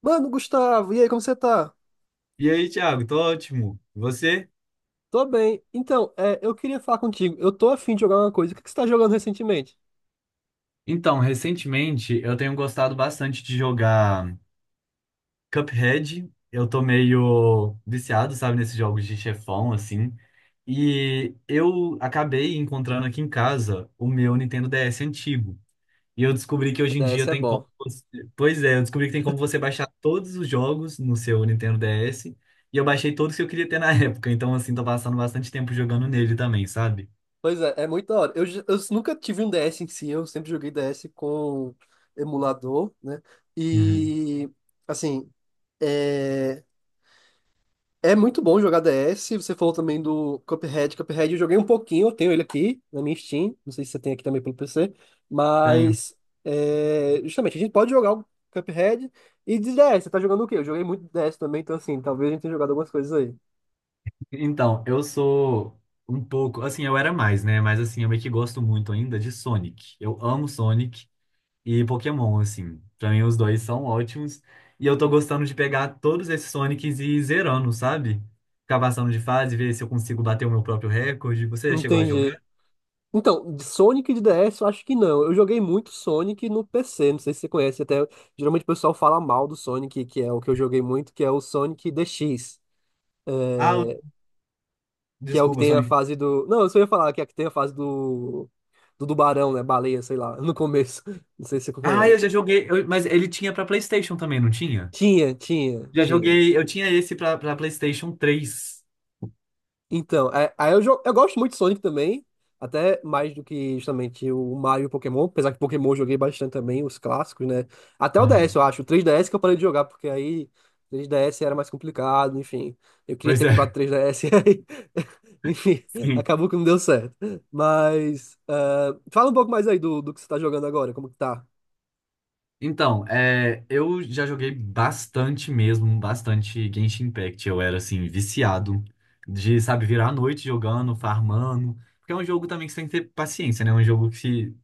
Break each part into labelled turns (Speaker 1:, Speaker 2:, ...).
Speaker 1: Mano, Gustavo, e aí, como você tá?
Speaker 2: E aí, Thiago, tô ótimo. E você?
Speaker 1: Tô bem. Então, eu queria falar contigo. Eu tô afim de jogar uma coisa. O que que você tá jogando recentemente?
Speaker 2: Então, recentemente eu tenho gostado bastante de jogar Cuphead. Eu tô meio viciado, sabe, nesses jogos de chefão, assim. E eu acabei encontrando aqui em casa o meu Nintendo DS antigo. E eu descobri que hoje em
Speaker 1: É,
Speaker 2: dia
Speaker 1: esse é
Speaker 2: tem como
Speaker 1: bom.
Speaker 2: você. Pois é, eu descobri que tem como você baixar todos os jogos no seu Nintendo DS. E eu baixei todos que eu queria ter na época. Então, assim, tô passando bastante tempo jogando nele também, sabe?
Speaker 1: Pois é, é muito da hora. Eu nunca tive um DS em si, eu sempre joguei DS com emulador, né?
Speaker 2: Uhum.
Speaker 1: E, assim, é, é muito bom jogar DS. Você falou também do Cuphead. Cuphead eu joguei um pouquinho, eu tenho ele aqui na minha Steam. Não sei se você tem aqui também pelo PC.
Speaker 2: Tenho.
Speaker 1: Mas, justamente, a gente pode jogar o Cuphead e de DS. Você tá jogando o quê? Eu joguei muito DS também, então, assim, talvez a gente tenha jogado algumas coisas aí.
Speaker 2: Então, eu sou um pouco, assim, eu era mais, né? Mas assim, eu meio que gosto muito ainda de Sonic. Eu amo Sonic e Pokémon, assim. Pra mim os dois são ótimos. E eu tô gostando de pegar todos esses Sonics e ir zerando, sabe? Ficar passando de fase, ver se eu consigo bater o meu próprio recorde. Você já chegou a
Speaker 1: Entendi.
Speaker 2: jogar?
Speaker 1: Então, de Sonic de DS eu acho que não. Eu joguei muito Sonic no PC, não sei se você conhece, até geralmente o pessoal fala mal do Sonic, que é o que eu joguei muito, que é o Sonic DX,
Speaker 2: Ah,
Speaker 1: que é o que
Speaker 2: desculpa,
Speaker 1: tem a
Speaker 2: Sonic.
Speaker 1: fase do. Não, eu só ia falar que é a que tem a fase do. Do tubarão, né? Baleia, sei lá, no começo. Não sei se você
Speaker 2: Ah, eu
Speaker 1: conhece.
Speaker 2: já joguei, mas ele tinha pra PlayStation também, não tinha?
Speaker 1: Tinha, tinha,
Speaker 2: Já
Speaker 1: tinha.
Speaker 2: joguei, eu tinha esse pra PlayStation três.
Speaker 1: Então, aí eu gosto muito de Sonic também, até mais do que justamente o Mario e o Pokémon, apesar que Pokémon eu joguei bastante também, os clássicos, né? Até o DS,
Speaker 2: Aham.
Speaker 1: eu acho, o 3DS que eu parei de jogar, porque aí 3DS era mais complicado, enfim. Eu queria
Speaker 2: Pois
Speaker 1: ter comprado
Speaker 2: é.
Speaker 1: 3DS e aí, enfim,
Speaker 2: Sim.
Speaker 1: acabou que não deu certo. Mas, ah, fala um pouco mais aí do que você tá jogando agora, como que tá?
Speaker 2: Então, é, eu já joguei bastante mesmo, bastante Genshin Impact. Eu era, assim, viciado de, sabe, virar a noite jogando, farmando. Porque é um jogo também que você tem que ter paciência, né? É um jogo que, se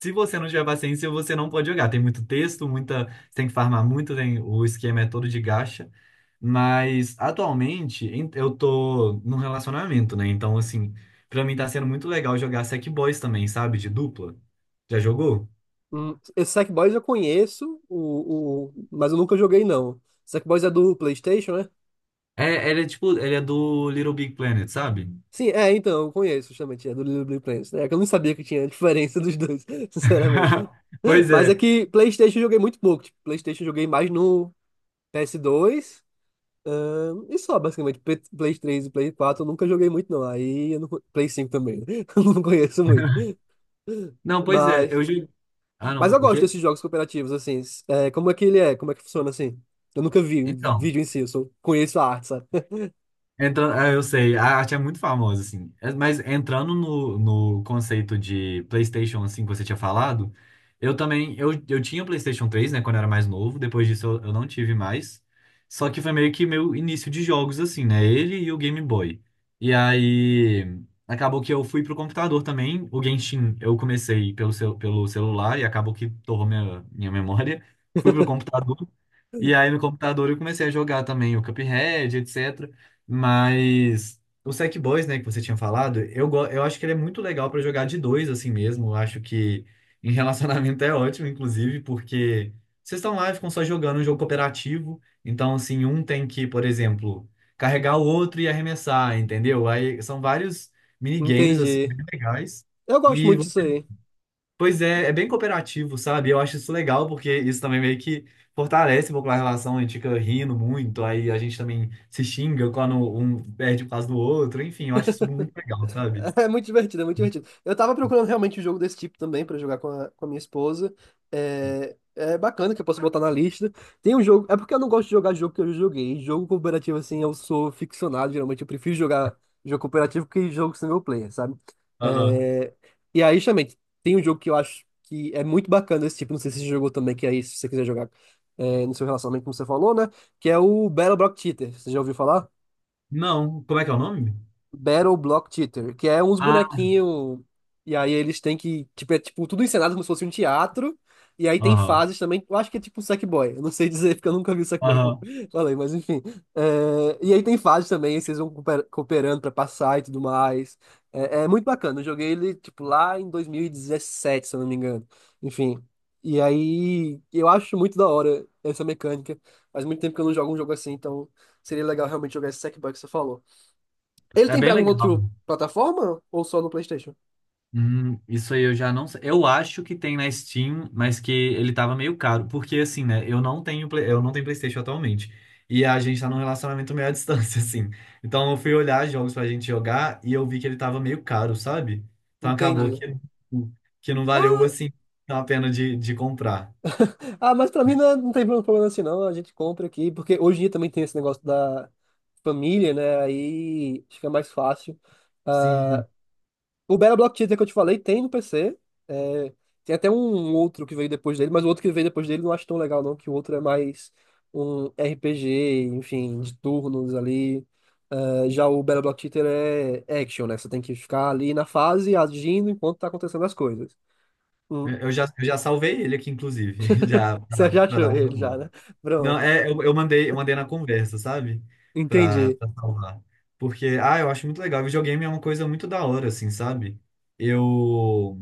Speaker 2: se você não tiver paciência, você não pode jogar. Tem muito texto, muita, você tem que farmar muito, tem, o esquema é todo de gacha. Mas, atualmente, eu tô num relacionamento, né? Então, assim, pra mim tá sendo muito legal jogar Sackboys também, sabe? De dupla. Já jogou?
Speaker 1: Esse Sackboys eu conheço, mas eu nunca joguei não. Sackboys é do PlayStation, né?
Speaker 2: É, ele é tipo, ele é do Little Big Planet, sabe?
Speaker 1: Sim, então, eu conheço justamente, é do Little Big Planet, né? É que eu não sabia que tinha diferença dos dois, sinceramente.
Speaker 2: Pois
Speaker 1: Mas é
Speaker 2: é.
Speaker 1: que PlayStation eu joguei muito pouco. Tipo, PlayStation eu joguei mais no PS2, e só, basicamente. Play 3 e Play 4 eu nunca joguei muito, não. Aí eu não, Play 5 também, né? Eu não conheço muito.
Speaker 2: Não, pois é.
Speaker 1: Mas,
Speaker 2: Eu joguei. Ah, não,
Speaker 1: mas eu
Speaker 2: o
Speaker 1: gosto
Speaker 2: quê?
Speaker 1: desses jogos cooperativos, assim. É, como é que ele é? Como é que funciona assim? Eu nunca vi um
Speaker 2: Então.
Speaker 1: vídeo em si, eu só conheço a arte, sabe?
Speaker 2: Entrando, ah, eu sei, a arte é muito famosa, assim. É, mas entrando no conceito de PlayStation, assim, que você tinha falado, eu também, eu tinha PlayStation três, né, quando eu era mais novo, depois disso eu não tive mais. Só que foi meio que meu início de jogos, assim, né, ele e o Game Boy. E aí, acabou que eu fui pro computador também, o Genshin eu comecei pelo celular e acabou que torrou minha memória. Fui pro computador e aí no computador eu comecei a jogar também o Cuphead, etc. Mas o Sackboy, né, que você tinha falado, eu acho que ele é muito legal pra jogar de dois assim mesmo. Eu acho que em relacionamento é ótimo, inclusive, porque vocês estão lá e ficam só jogando um jogo cooperativo. Então, assim, um tem que, por exemplo, carregar o outro e arremessar, entendeu? Aí são vários minigames, assim,
Speaker 1: Entendi.
Speaker 2: bem legais.
Speaker 1: Eu gosto
Speaker 2: E
Speaker 1: muito disso aí.
Speaker 2: Pois é, é bem cooperativo, sabe? Eu acho isso legal, porque isso também meio que fortalece um pouco a relação, a gente fica rindo muito, aí a gente também se xinga quando um perde por causa do outro, enfim, eu acho isso muito legal, sabe?
Speaker 1: É muito divertido, é muito divertido. Eu tava procurando realmente um jogo desse tipo também pra jogar com a minha esposa. É bacana que eu posso botar na lista. Tem um jogo. É porque eu não gosto de jogar jogo que eu já joguei. Jogo cooperativo, assim, eu sou ficcionado. Geralmente eu prefiro jogar jogo cooperativo que jogo single player, sabe?
Speaker 2: Aham.
Speaker 1: É, e aí, justamente, tem um jogo que eu acho que é muito bacana esse tipo. Não sei se você jogou também, que aí, se você quiser jogar no seu relacionamento, como você falou, né? Que é o Battle Block Theater. Você já ouviu falar?
Speaker 2: Não, como é que é o nome?
Speaker 1: Battle Block Theater, que é uns
Speaker 2: Ah,
Speaker 1: bonequinhos. E aí eles têm que. Tipo, é tipo tudo encenado como se fosse um teatro. E aí tem
Speaker 2: aham,
Speaker 1: fases também. Eu acho que é tipo Sackboy. Eu não sei dizer, porque eu nunca vi o Sackboy, como
Speaker 2: aham.
Speaker 1: eu falei, mas enfim. E aí tem fases também, vocês vão cooperando pra passar e tudo mais. É muito bacana. Eu joguei ele, tipo, lá em 2017, se eu não me engano. Enfim. E aí eu acho muito da hora essa mecânica. Faz muito tempo que eu não jogo um jogo assim, então seria legal realmente jogar esse Sackboy que você falou. Ele
Speaker 2: É
Speaker 1: tem pra
Speaker 2: bem
Speaker 1: alguma outra
Speaker 2: legal.
Speaker 1: plataforma ou só no PlayStation?
Speaker 2: Isso aí eu já não sei. Eu acho que tem na Steam, mas que ele tava meio caro. Porque assim, né? Eu não tenho PlayStation atualmente. E a gente tá num relacionamento meio à distância, assim. Então eu fui olhar jogos pra gente jogar e eu vi que ele tava meio caro, sabe? Então acabou
Speaker 1: Entendi.
Speaker 2: que não valeu, assim, a pena de comprar.
Speaker 1: Ah, mas pra mim não, não tem problema assim, não. A gente compra aqui, porque hoje em dia também tem esse negócio da família, né? Aí fica mais fácil. Ah,
Speaker 2: Sim,
Speaker 1: o Battle Block Theater que eu te falei tem no PC. é, tem até um outro que veio depois dele, mas o outro que veio depois dele eu não acho tão legal, não, que o outro é mais um RPG, enfim, de turnos ali. É, já o Battle Block Theater é action, né? Você tem que ficar ali na fase agindo enquanto tá acontecendo as coisas. Hum.
Speaker 2: eu já, eu já salvei ele aqui, inclusive, já
Speaker 1: Você
Speaker 2: pra,
Speaker 1: já
Speaker 2: pra
Speaker 1: achou
Speaker 2: dar
Speaker 1: ele já,
Speaker 2: um.
Speaker 1: né?
Speaker 2: Não,
Speaker 1: Pronto.
Speaker 2: é, eu mandei na conversa, sabe? Pra,
Speaker 1: Entendi.
Speaker 2: pra salvar. Porque, ah, eu acho muito legal. Videogame é uma coisa muito da hora, assim, sabe? Eu.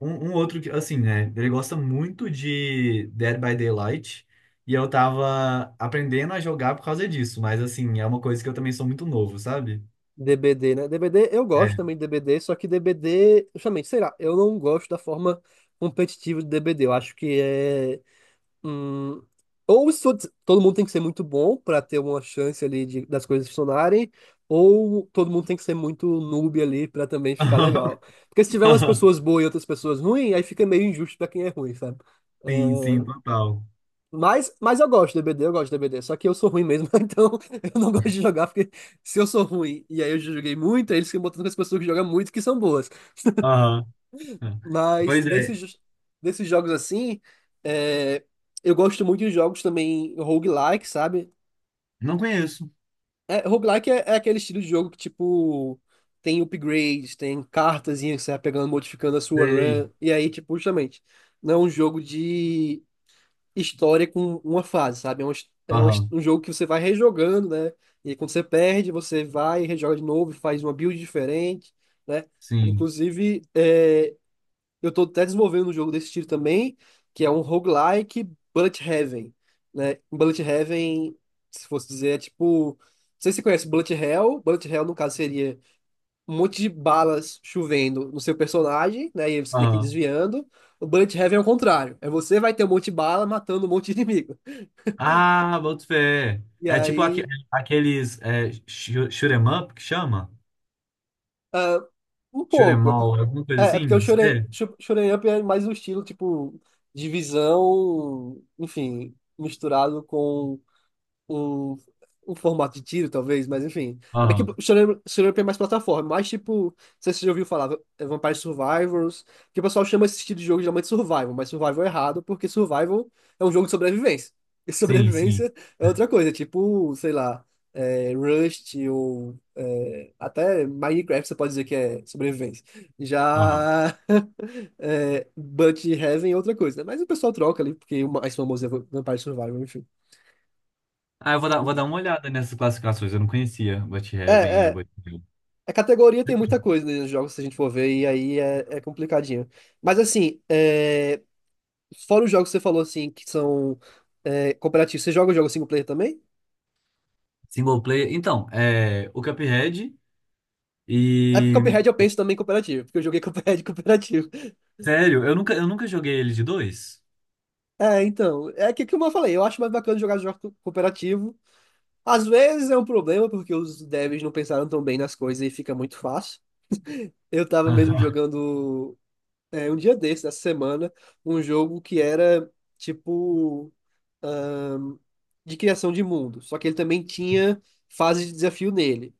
Speaker 2: Um outro, que, assim, né? Ele gosta muito de Dead by Daylight. E eu tava aprendendo a jogar por causa disso. Mas, assim, é uma coisa que eu também sou muito novo, sabe?
Speaker 1: DBD, né? DBD, eu
Speaker 2: É.
Speaker 1: gosto também de DBD, só que DBD, justamente, sei lá, eu não gosto da forma competitiva de DBD. Eu acho que é. Hum, ou isso, todo mundo tem que ser muito bom para ter uma chance ali das coisas funcionarem, ou todo mundo tem que ser muito noob ali para também ficar legal. Porque se tiver umas pessoas boas e outras pessoas ruins, aí fica meio injusto para quem é ruim, sabe?
Speaker 2: Sim, sim,
Speaker 1: Ah,
Speaker 2: total.
Speaker 1: mas eu gosto de DBD, eu gosto de D b d, só que eu sou ruim mesmo, então eu não gosto de jogar, porque se eu sou ruim e aí eu joguei muito, aí eles ficam botando com as pessoas que jogam muito que são boas.
Speaker 2: Aham. É.
Speaker 1: Mas
Speaker 2: Pois é.
Speaker 1: desses jogos assim, é, eu gosto muito de jogos também roguelike, sabe?
Speaker 2: Não conheço.
Speaker 1: É, roguelike é aquele estilo de jogo que, tipo, tem upgrades, tem cartazinha que você vai pegando, modificando a sua
Speaker 2: Sei.
Speaker 1: run. E aí, tipo, justamente, não é um jogo de história com uma fase, sabe? É um, his- é um, his-
Speaker 2: Aham.
Speaker 1: um jogo que você vai rejogando, né? E aí, quando você perde, você vai e rejoga de novo, faz uma build diferente, né?
Speaker 2: Sim.
Speaker 1: Inclusive, eu tô até desenvolvendo um jogo desse estilo também, que é um roguelike Bullet Heaven, né? Bullet Heaven, se fosse dizer, é tipo. Não sei se você conhece Bullet Hell. Bullet Hell, no caso, seria um monte de balas chovendo no seu personagem, né? E aí você tem que ir
Speaker 2: Aham.
Speaker 1: desviando. O Bullet Heaven é o contrário. É você vai ter um monte de bala matando um monte de inimigo.
Speaker 2: Ah, boto fé.
Speaker 1: E
Speaker 2: É tipo aque-
Speaker 1: aí.
Speaker 2: aqueles é, shoot 'em up que chama?
Speaker 1: Ah, um
Speaker 2: Shoot 'em
Speaker 1: pouco. É, por-
Speaker 2: all, alguma
Speaker 1: é,
Speaker 2: coisa
Speaker 1: é porque o
Speaker 2: assim?
Speaker 1: Shonen
Speaker 2: É.
Speaker 1: Sho- Shonen Up é mais um estilo, tipo, de visão, enfim, misturado com o, o formato de tiro, talvez, mas enfim. É bem que o
Speaker 2: Aham.
Speaker 1: Shonen Jump é mais plataforma, mais tipo, não sei se você já ouviu falar, é Vampire Survivors, que o pessoal chama esse estilo de jogo geralmente de Survival, mas Survival é errado, porque Survival é um jogo de sobrevivência. E
Speaker 2: Sim, sim.
Speaker 1: sobrevivência é outra coisa, tipo, sei lá, Rust ou até Minecraft você pode dizer que é sobrevivência.
Speaker 2: Aham.
Speaker 1: Já é, Heaven é outra coisa, né? Mas o pessoal troca ali, porque o mais famoso é Vampire Survival, enfim.
Speaker 2: Ah, eu vou dar uma olhada nessas classificações. Eu não conhecia o But
Speaker 1: É,
Speaker 2: Heaven e o
Speaker 1: é,
Speaker 2: But Hell.
Speaker 1: A categoria tem muita coisa, né, nos jogos, se a gente for ver, e aí é complicadinho. Mas assim, fora os jogos que você falou assim, que são cooperativos, você joga o jogo single player também?
Speaker 2: Single player. Então, é o Cuphead
Speaker 1: É porque
Speaker 2: e.
Speaker 1: Cuphead eu penso também em cooperativo, porque eu joguei Cuphead cooperativo.
Speaker 2: Sério, eu nunca joguei ele de dois.
Speaker 1: É, então, é que, como eu falei, eu acho mais bacana jogar jogo cooperativo. Às vezes é um problema, porque os devs não pensaram tão bem nas coisas e fica muito fácil. Eu tava mesmo
Speaker 2: Aham.
Speaker 1: jogando. Um dia desse, essa semana, um jogo que era tipo ahn, de criação de mundo. Só que ele também tinha fase de desafio nele.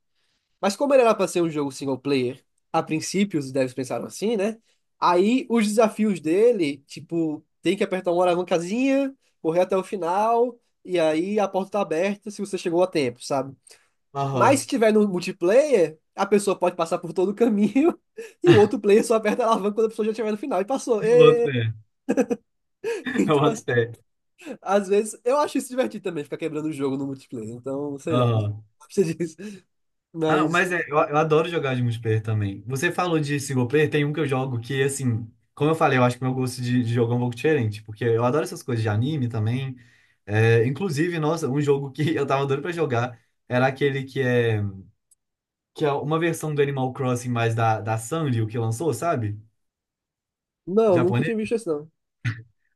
Speaker 1: Mas como ele era para ser um jogo single player, a princípio os devs pensaram assim, né? Aí os desafios dele, tipo, tem que apertar uma alavancazinha, correr até o final, e aí a porta tá aberta se você chegou a tempo, sabe? Mas
Speaker 2: Aham.
Speaker 1: se tiver no multiplayer, a pessoa pode passar por todo o caminho e o outro player só aperta a alavanca quando a pessoa já estiver no final e passou.
Speaker 2: Eu boto
Speaker 1: Ê!
Speaker 2: fé. Eu
Speaker 1: Então,
Speaker 2: boto
Speaker 1: assim,
Speaker 2: fé.
Speaker 1: às vezes, eu acho isso divertido também, ficar quebrando o jogo no multiplayer. Então, sei lá, não
Speaker 2: Aham.
Speaker 1: gosto disso.
Speaker 2: Ah, não,
Speaker 1: Mas,
Speaker 2: mas é, eu adoro jogar de multiplayer também. Você falou de single player, tem um que eu jogo que, assim, como eu falei, eu acho que meu gosto de jogo é um pouco diferente, porque eu adoro essas coisas de anime também. É, inclusive, nossa, um jogo que eu tava doido pra jogar era aquele que é, uma versão do Animal Crossing, mas da Sanrio que lançou, sabe?
Speaker 1: não, nunca
Speaker 2: Japonês.
Speaker 1: tinha visto isso, não.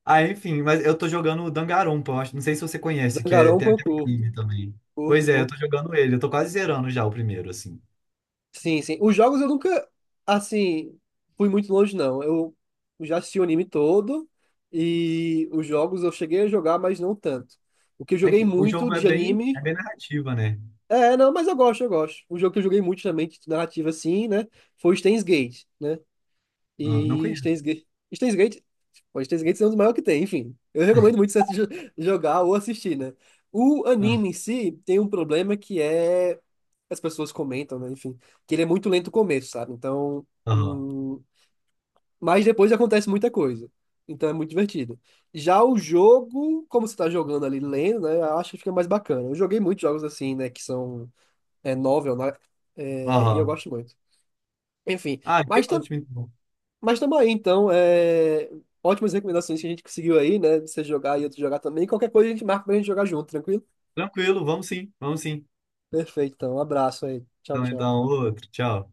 Speaker 2: Ah, enfim, mas eu tô jogando o Danganronpa, eu acho, não sei se você conhece, que é, tem
Speaker 1: Danganronpa eu
Speaker 2: aquele
Speaker 1: curto.
Speaker 2: anime também. Pois
Speaker 1: Curto,
Speaker 2: é, eu
Speaker 1: curto.
Speaker 2: tô jogando ele, eu tô quase zerando já o primeiro, assim.
Speaker 1: Sim, sim. Os jogos eu nunca, assim, fui muito longe, não. Eu já assisti o anime todo e os jogos eu cheguei a jogar, mas não tanto. O que eu
Speaker 2: É
Speaker 1: joguei
Speaker 2: que o
Speaker 1: muito
Speaker 2: jogo é
Speaker 1: de
Speaker 2: bem, é
Speaker 1: anime.
Speaker 2: bem narrativa, né?
Speaker 1: É, não, mas eu gosto, eu gosto. Um jogo que eu joguei muito também, de narrativa assim, né? Foi o Steins Gate, né?
Speaker 2: Ah, não
Speaker 1: E
Speaker 2: conheço.
Speaker 1: Steins Gate. Steins Gate. Pô, Steins Gate é um dos maiores que tem, enfim. Eu recomendo muito você jogar ou assistir, né? O
Speaker 2: Ah.
Speaker 1: anime em si tem um problema que é. As pessoas comentam, né? Enfim, que ele é muito lento no começo, sabe? Então.
Speaker 2: Aham.
Speaker 1: Mas depois acontece muita coisa. Então é muito divertido. Já o jogo, como você tá jogando ali lendo, né? Eu acho que fica mais bacana. Eu joguei muitos jogos assim, né? Que são novel, né? E eu
Speaker 2: Aham.
Speaker 1: gosto muito. Enfim,
Speaker 2: Ah, que
Speaker 1: mas, tam,
Speaker 2: ótimo, então.
Speaker 1: mas também, então, ótimas recomendações que a gente conseguiu aí, né? Você jogar e outro jogar também. Qualquer coisa a gente marca pra gente jogar junto, tranquilo?
Speaker 2: Tranquilo, vamos sim, vamos sim.
Speaker 1: Perfeito, então. Um abraço aí. Tchau,
Speaker 2: Então,
Speaker 1: tchau.
Speaker 2: então, outro. Tchau.